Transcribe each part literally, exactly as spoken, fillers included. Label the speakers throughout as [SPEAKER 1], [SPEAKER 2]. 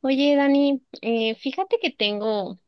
[SPEAKER 1] Oye, Dani, eh, fíjate que tengo,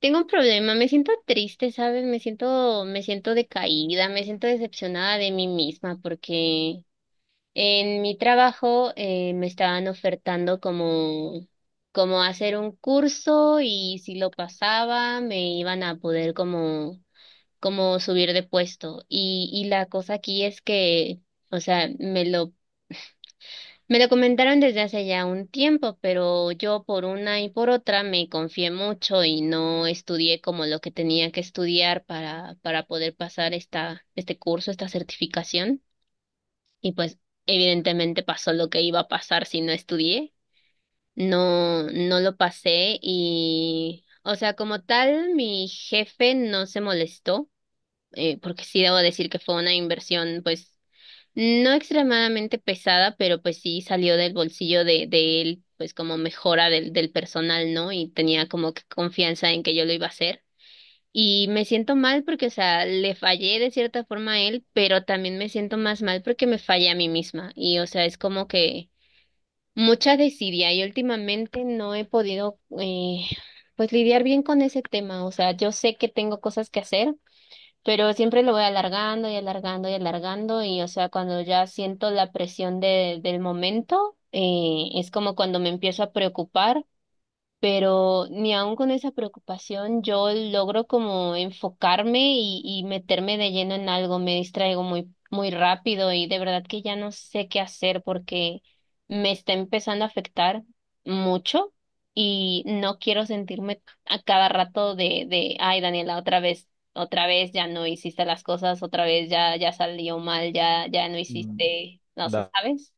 [SPEAKER 1] tengo un problema, me siento triste, ¿sabes? Me siento, me siento decaída, me siento decepcionada de mí misma porque en mi trabajo eh, me estaban ofertando como, como hacer un curso y si lo pasaba me iban a poder como, como subir de puesto. Y, y la cosa aquí es que, o sea, me lo me lo comentaron desde hace ya un tiempo, pero yo por una y por otra me confié mucho y no estudié como lo que tenía que estudiar para, para poder pasar esta, este curso, esta certificación. Y pues evidentemente pasó lo que iba a pasar si no estudié. No, no lo pasé y, o sea, como tal, mi jefe no se molestó, eh, porque sí debo decir que fue una inversión, pues no extremadamente pesada, pero pues sí salió del bolsillo de, de él, pues como mejora del, del personal, ¿no? Y tenía como que confianza en que yo lo iba a hacer. Y me siento mal porque, o sea, le fallé de cierta forma a él, pero también me siento más mal porque me fallé a mí misma. Y, o sea, es como que mucha desidia y últimamente no he podido, eh, pues lidiar bien con ese tema. O sea, yo sé que tengo cosas que hacer pero siempre lo voy alargando y alargando y alargando y o sea, cuando ya siento la presión de, del momento, eh, es como cuando me empiezo a preocupar pero ni aun con esa preocupación yo logro como enfocarme y, y meterme de lleno en algo, me distraigo muy, muy rápido y de verdad que ya no sé qué hacer porque me está empezando a afectar mucho y no quiero sentirme a cada rato de, de, ay, Daniela, otra vez. Otra vez ya no hiciste las cosas, otra vez ya, ya salió mal, ya, ya no
[SPEAKER 2] Mm,
[SPEAKER 1] hiciste, no sé,
[SPEAKER 2] da-
[SPEAKER 1] ¿sabes?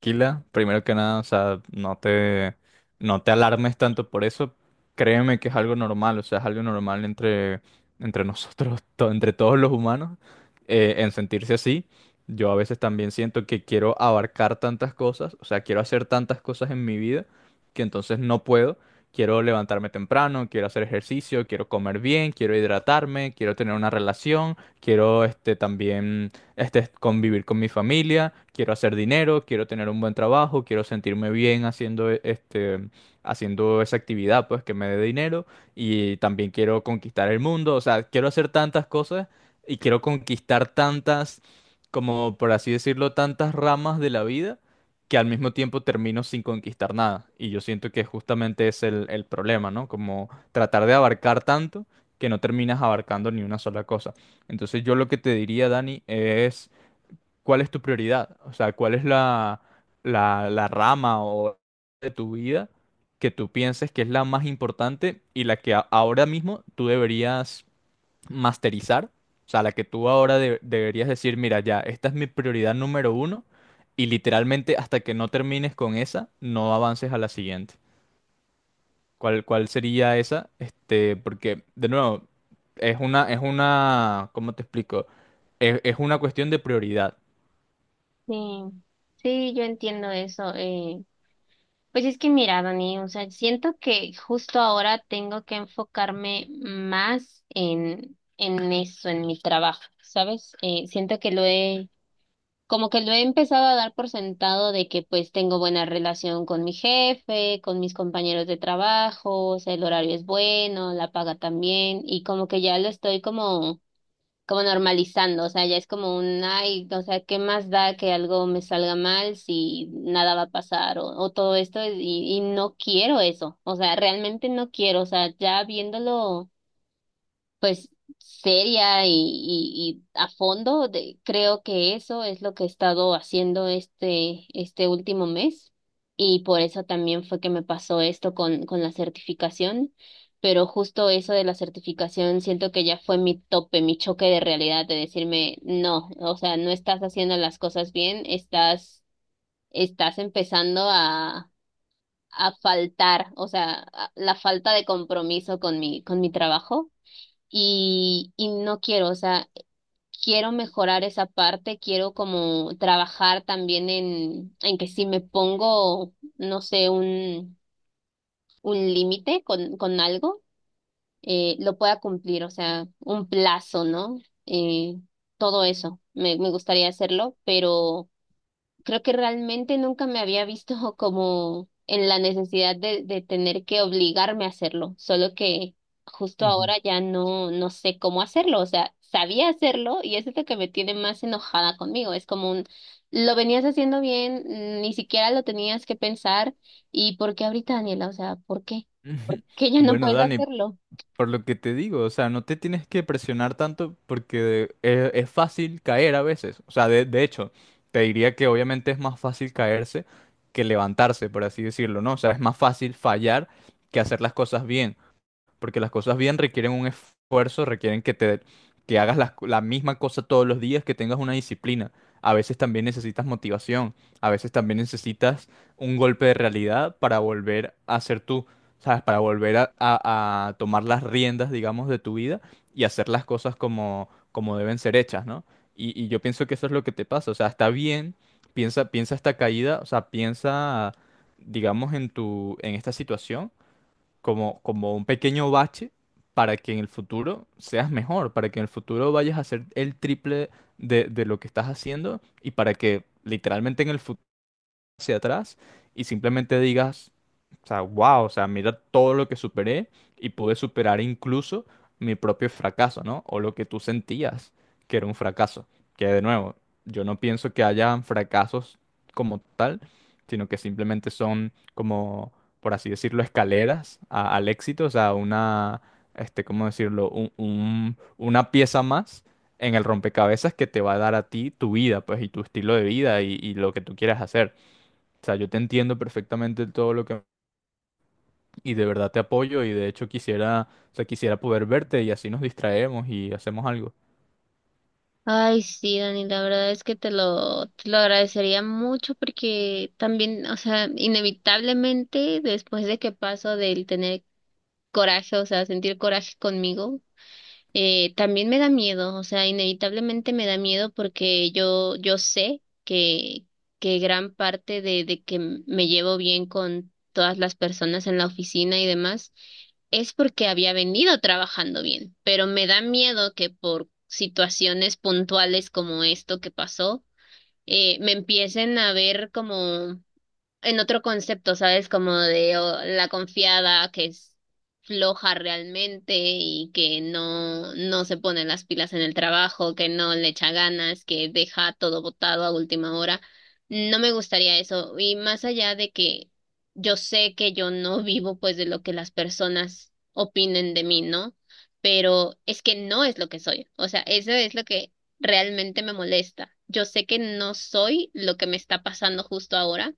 [SPEAKER 2] Tranquila, primero que nada, o sea, no te, no te alarmes tanto por eso. Créeme que es algo normal, o sea, es algo normal entre, entre nosotros, to- entre todos los humanos, eh, en sentirse así. Yo a veces también siento que quiero abarcar tantas cosas, o sea, quiero hacer tantas cosas en mi vida que entonces no puedo. Quiero levantarme temprano, quiero hacer ejercicio, quiero comer bien, quiero hidratarme, quiero tener una relación, quiero este también este, convivir con mi familia, quiero hacer dinero, quiero tener un buen trabajo, quiero sentirme bien haciendo, e- este, haciendo esa actividad, pues, que me dé dinero y también quiero conquistar el mundo, o sea, quiero hacer tantas cosas y quiero conquistar tantas, como por así decirlo, tantas ramas de la vida que al mismo tiempo termino sin conquistar nada. Y yo siento que justamente es el, el problema, ¿no? Como tratar de abarcar tanto que no terminas abarcando ni una sola cosa. Entonces yo lo que te diría, Dani, es cuál es tu prioridad, o sea, cuál es la, la, la rama o de tu vida que tú pienses que es la más importante y la que a- ahora mismo tú deberías masterizar, o sea, la que tú ahora de- deberías decir, mira, ya, esta es mi prioridad número uno y literalmente hasta que no termines con esa, no avances a la siguiente. ¿Cuál, cuál sería esa? Este, porque, de nuevo, es una, es una, ¿cómo te explico? Es, es una cuestión de prioridad.
[SPEAKER 1] Sí, sí, yo entiendo eso. Eh, Pues es que mira, Dani, o sea, siento que justo ahora tengo que enfocarme más en, en eso, en mi trabajo, ¿sabes? Eh, siento que lo he, como que lo he empezado a dar por sentado de que pues tengo buena relación con mi jefe, con mis compañeros de trabajo, o sea, el horario es bueno, la paga también, y como que ya lo estoy como como normalizando, o sea, ya es como un, ay, o sea, ¿qué más da que algo me salga mal si nada va a pasar o, o todo esto? Y, y no quiero eso, o sea, realmente no quiero, o sea, ya viéndolo pues seria y, y, y a fondo. De, creo que eso es lo que he estado haciendo este, este último mes y por eso también fue que me pasó esto con, con la certificación. Pero justo eso de la certificación siento que ya fue mi tope, mi choque de realidad, de decirme, no, o sea, no estás haciendo las cosas bien, estás, estás empezando a, a faltar, o sea, a- la falta de compromiso con mi, con mi trabajo y, y no quiero, o sea, quiero mejorar esa parte, quiero como trabajar también en, en que si me pongo, no sé, un, un límite con, con algo, eh, lo pueda cumplir, o sea, un plazo, ¿no? Eh, todo eso, me, me gustaría hacerlo, pero creo que realmente nunca me había visto como en la necesidad de, de tener que obligarme a hacerlo, solo que justo
[SPEAKER 2] Ujú.
[SPEAKER 1] ahora ya no, no sé cómo hacerlo, o sea, sabía hacerlo y eso es lo que me tiene más enojada conmigo, es como un, lo venías haciendo bien, ni siquiera lo tenías que pensar, ¿y por qué ahorita, Daniela? O sea, ¿por qué? Que ya no
[SPEAKER 2] Bueno,
[SPEAKER 1] puedes
[SPEAKER 2] Dani,
[SPEAKER 1] hacerlo.
[SPEAKER 2] por lo que te digo, o sea, no te tienes que presionar tanto porque es, es fácil caer a veces. O sea, de, de hecho, te diría que obviamente es más fácil caerse que levantarse, por así decirlo, ¿no? O sea, es más fácil fallar que hacer las cosas bien. Porque las cosas bien requieren un esfuerzo, requieren que te que hagas las la, misma cosa todos los días, que tengas una disciplina. A veces también necesitas motivación, a veces también necesitas un golpe de realidad para volver a ser tú, ¿sabes? Para volver a, a- a tomar las riendas, digamos, de tu vida y hacer las cosas como, como deben ser hechas, ¿no? Y, y yo pienso que eso es lo que te pasa, o sea, está bien, piensa, piensa esta caída, o sea, piensa, digamos, en tu, en esta situación como, como un pequeño bache para que en el futuro seas mejor, para que en el futuro vayas a hacer el triple de, de lo que estás haciendo y para que literalmente en el futuro hacia atrás y simplemente digas, o sea, wow, o sea, mira todo lo que superé y pude superar incluso mi propio fracaso, ¿no? O lo que tú sentías que era un fracaso. Que de nuevo, yo no pienso que hayan fracasos como tal, sino que simplemente son como, por así decirlo, escaleras a- al éxito, o sea, una, este, ¿cómo decirlo? Un- un- una pieza más en el rompecabezas que te va a dar a ti tu vida, pues, y tu estilo de vida y y lo que tú quieras hacer. O sea, yo te entiendo perfectamente todo lo que... Y de verdad te apoyo y de hecho quisiera, o sea, quisiera poder verte y así nos distraemos y hacemos algo.
[SPEAKER 1] Ay, sí, Dani, la verdad es que te lo, te lo agradecería mucho porque también, o sea, inevitablemente después de que paso del tener coraje, o sea, sentir coraje conmigo, eh, también me da miedo, o sea, inevitablemente me da miedo porque yo, yo sé que, que gran parte de, de que m- me llevo bien con todas las personas en la oficina y demás es porque había venido trabajando bien, pero me da miedo que por situaciones puntuales como esto que pasó, eh, me empiecen a ver como en otro concepto, ¿sabes? Como de oh, la confiada que es floja realmente y que no, no se pone las pilas en el trabajo, que no le echa ganas, que deja todo botado a última hora. No me gustaría eso. Y más allá de que yo sé que yo no vivo pues de lo que las personas opinen de mí, ¿no? Pero es que no es lo que soy. O sea, eso es lo que realmente me molesta. Yo sé que no soy lo que me está pasando justo ahora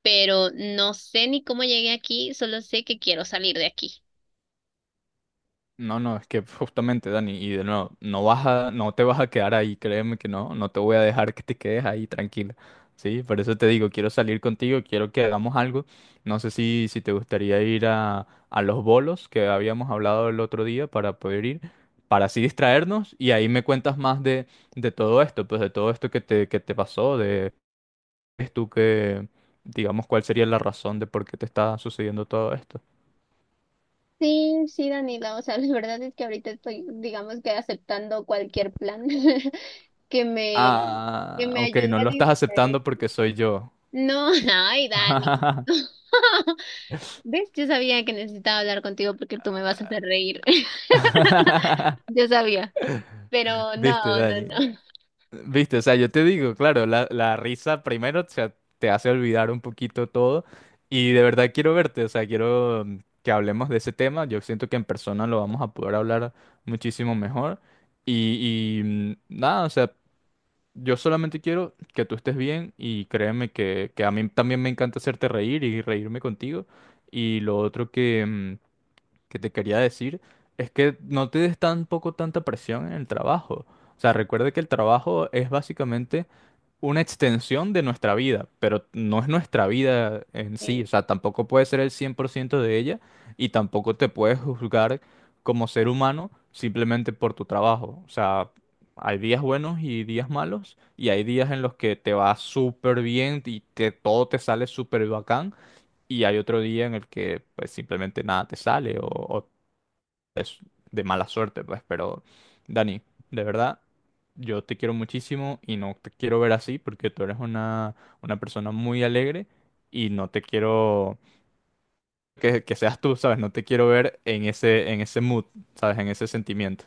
[SPEAKER 1] pero no sé ni cómo llegué aquí, solo sé que quiero salir de aquí.
[SPEAKER 2] No, no, es que justamente, Dani, y de nuevo, no vas a, no te vas a quedar ahí, créeme que no, no te voy a dejar que te quedes ahí tranquila. Sí, por eso te digo, quiero salir contigo, quiero que hagamos algo. No sé si, si te gustaría ir a, a los bolos que habíamos hablado el otro día para poder ir, para así distraernos y ahí me cuentas más de, de todo esto, pues de todo esto que te, que te, pasó, crees tú que, digamos, ¿cuál sería la razón de por qué te está sucediendo todo esto?
[SPEAKER 1] Sí, sí, Daniela, o sea, la verdad es que ahorita estoy, digamos que aceptando cualquier plan que me, que
[SPEAKER 2] Ah,
[SPEAKER 1] me
[SPEAKER 2] ok,
[SPEAKER 1] ayude
[SPEAKER 2] no
[SPEAKER 1] a
[SPEAKER 2] lo estás
[SPEAKER 1] distraer.
[SPEAKER 2] aceptando porque soy yo.
[SPEAKER 1] No, ay, Dani. ¿Ves? Yo sabía que necesitaba hablar contigo porque tú me vas a hacer reír. Yo sabía, pero no,
[SPEAKER 2] Viste,
[SPEAKER 1] no,
[SPEAKER 2] Dani. Viste, o sea, yo te digo, claro, la, la risa primero, o sea, te hace olvidar un poquito todo y de verdad quiero verte, o sea, quiero mm, que hablemos de ese tema. Yo siento que en persona lo vamos a poder hablar muchísimo mejor y, y, mm, nada, o sea, yo solamente quiero que tú estés bien y créeme que, que a mí también me encanta hacerte reír y reírme contigo. Y lo otro que, mm, que te quería decir es que no te des tampoco tanta presión en el trabajo. O sea, recuerda que el trabajo es básicamente una extensión de nuestra vida, pero no es nuestra vida en sí, o
[SPEAKER 1] no.
[SPEAKER 2] sea, tampoco puede ser el cien por ciento de ella y tampoco te puedes juzgar como ser humano simplemente por tu trabajo, o sea, hay días buenos y días malos y hay días en los que te va súper bien y te, todo te sale súper bacán y hay otro día en el que pues simplemente nada te sale o, o de mala suerte, pues, pero Dani, de verdad, yo te quiero muchísimo y no te quiero ver así porque tú eres una, una persona muy alegre y no te quiero que, que seas tú, ¿sabes? No te quiero ver en ese, en ese mood, ¿sabes? En ese sentimiento.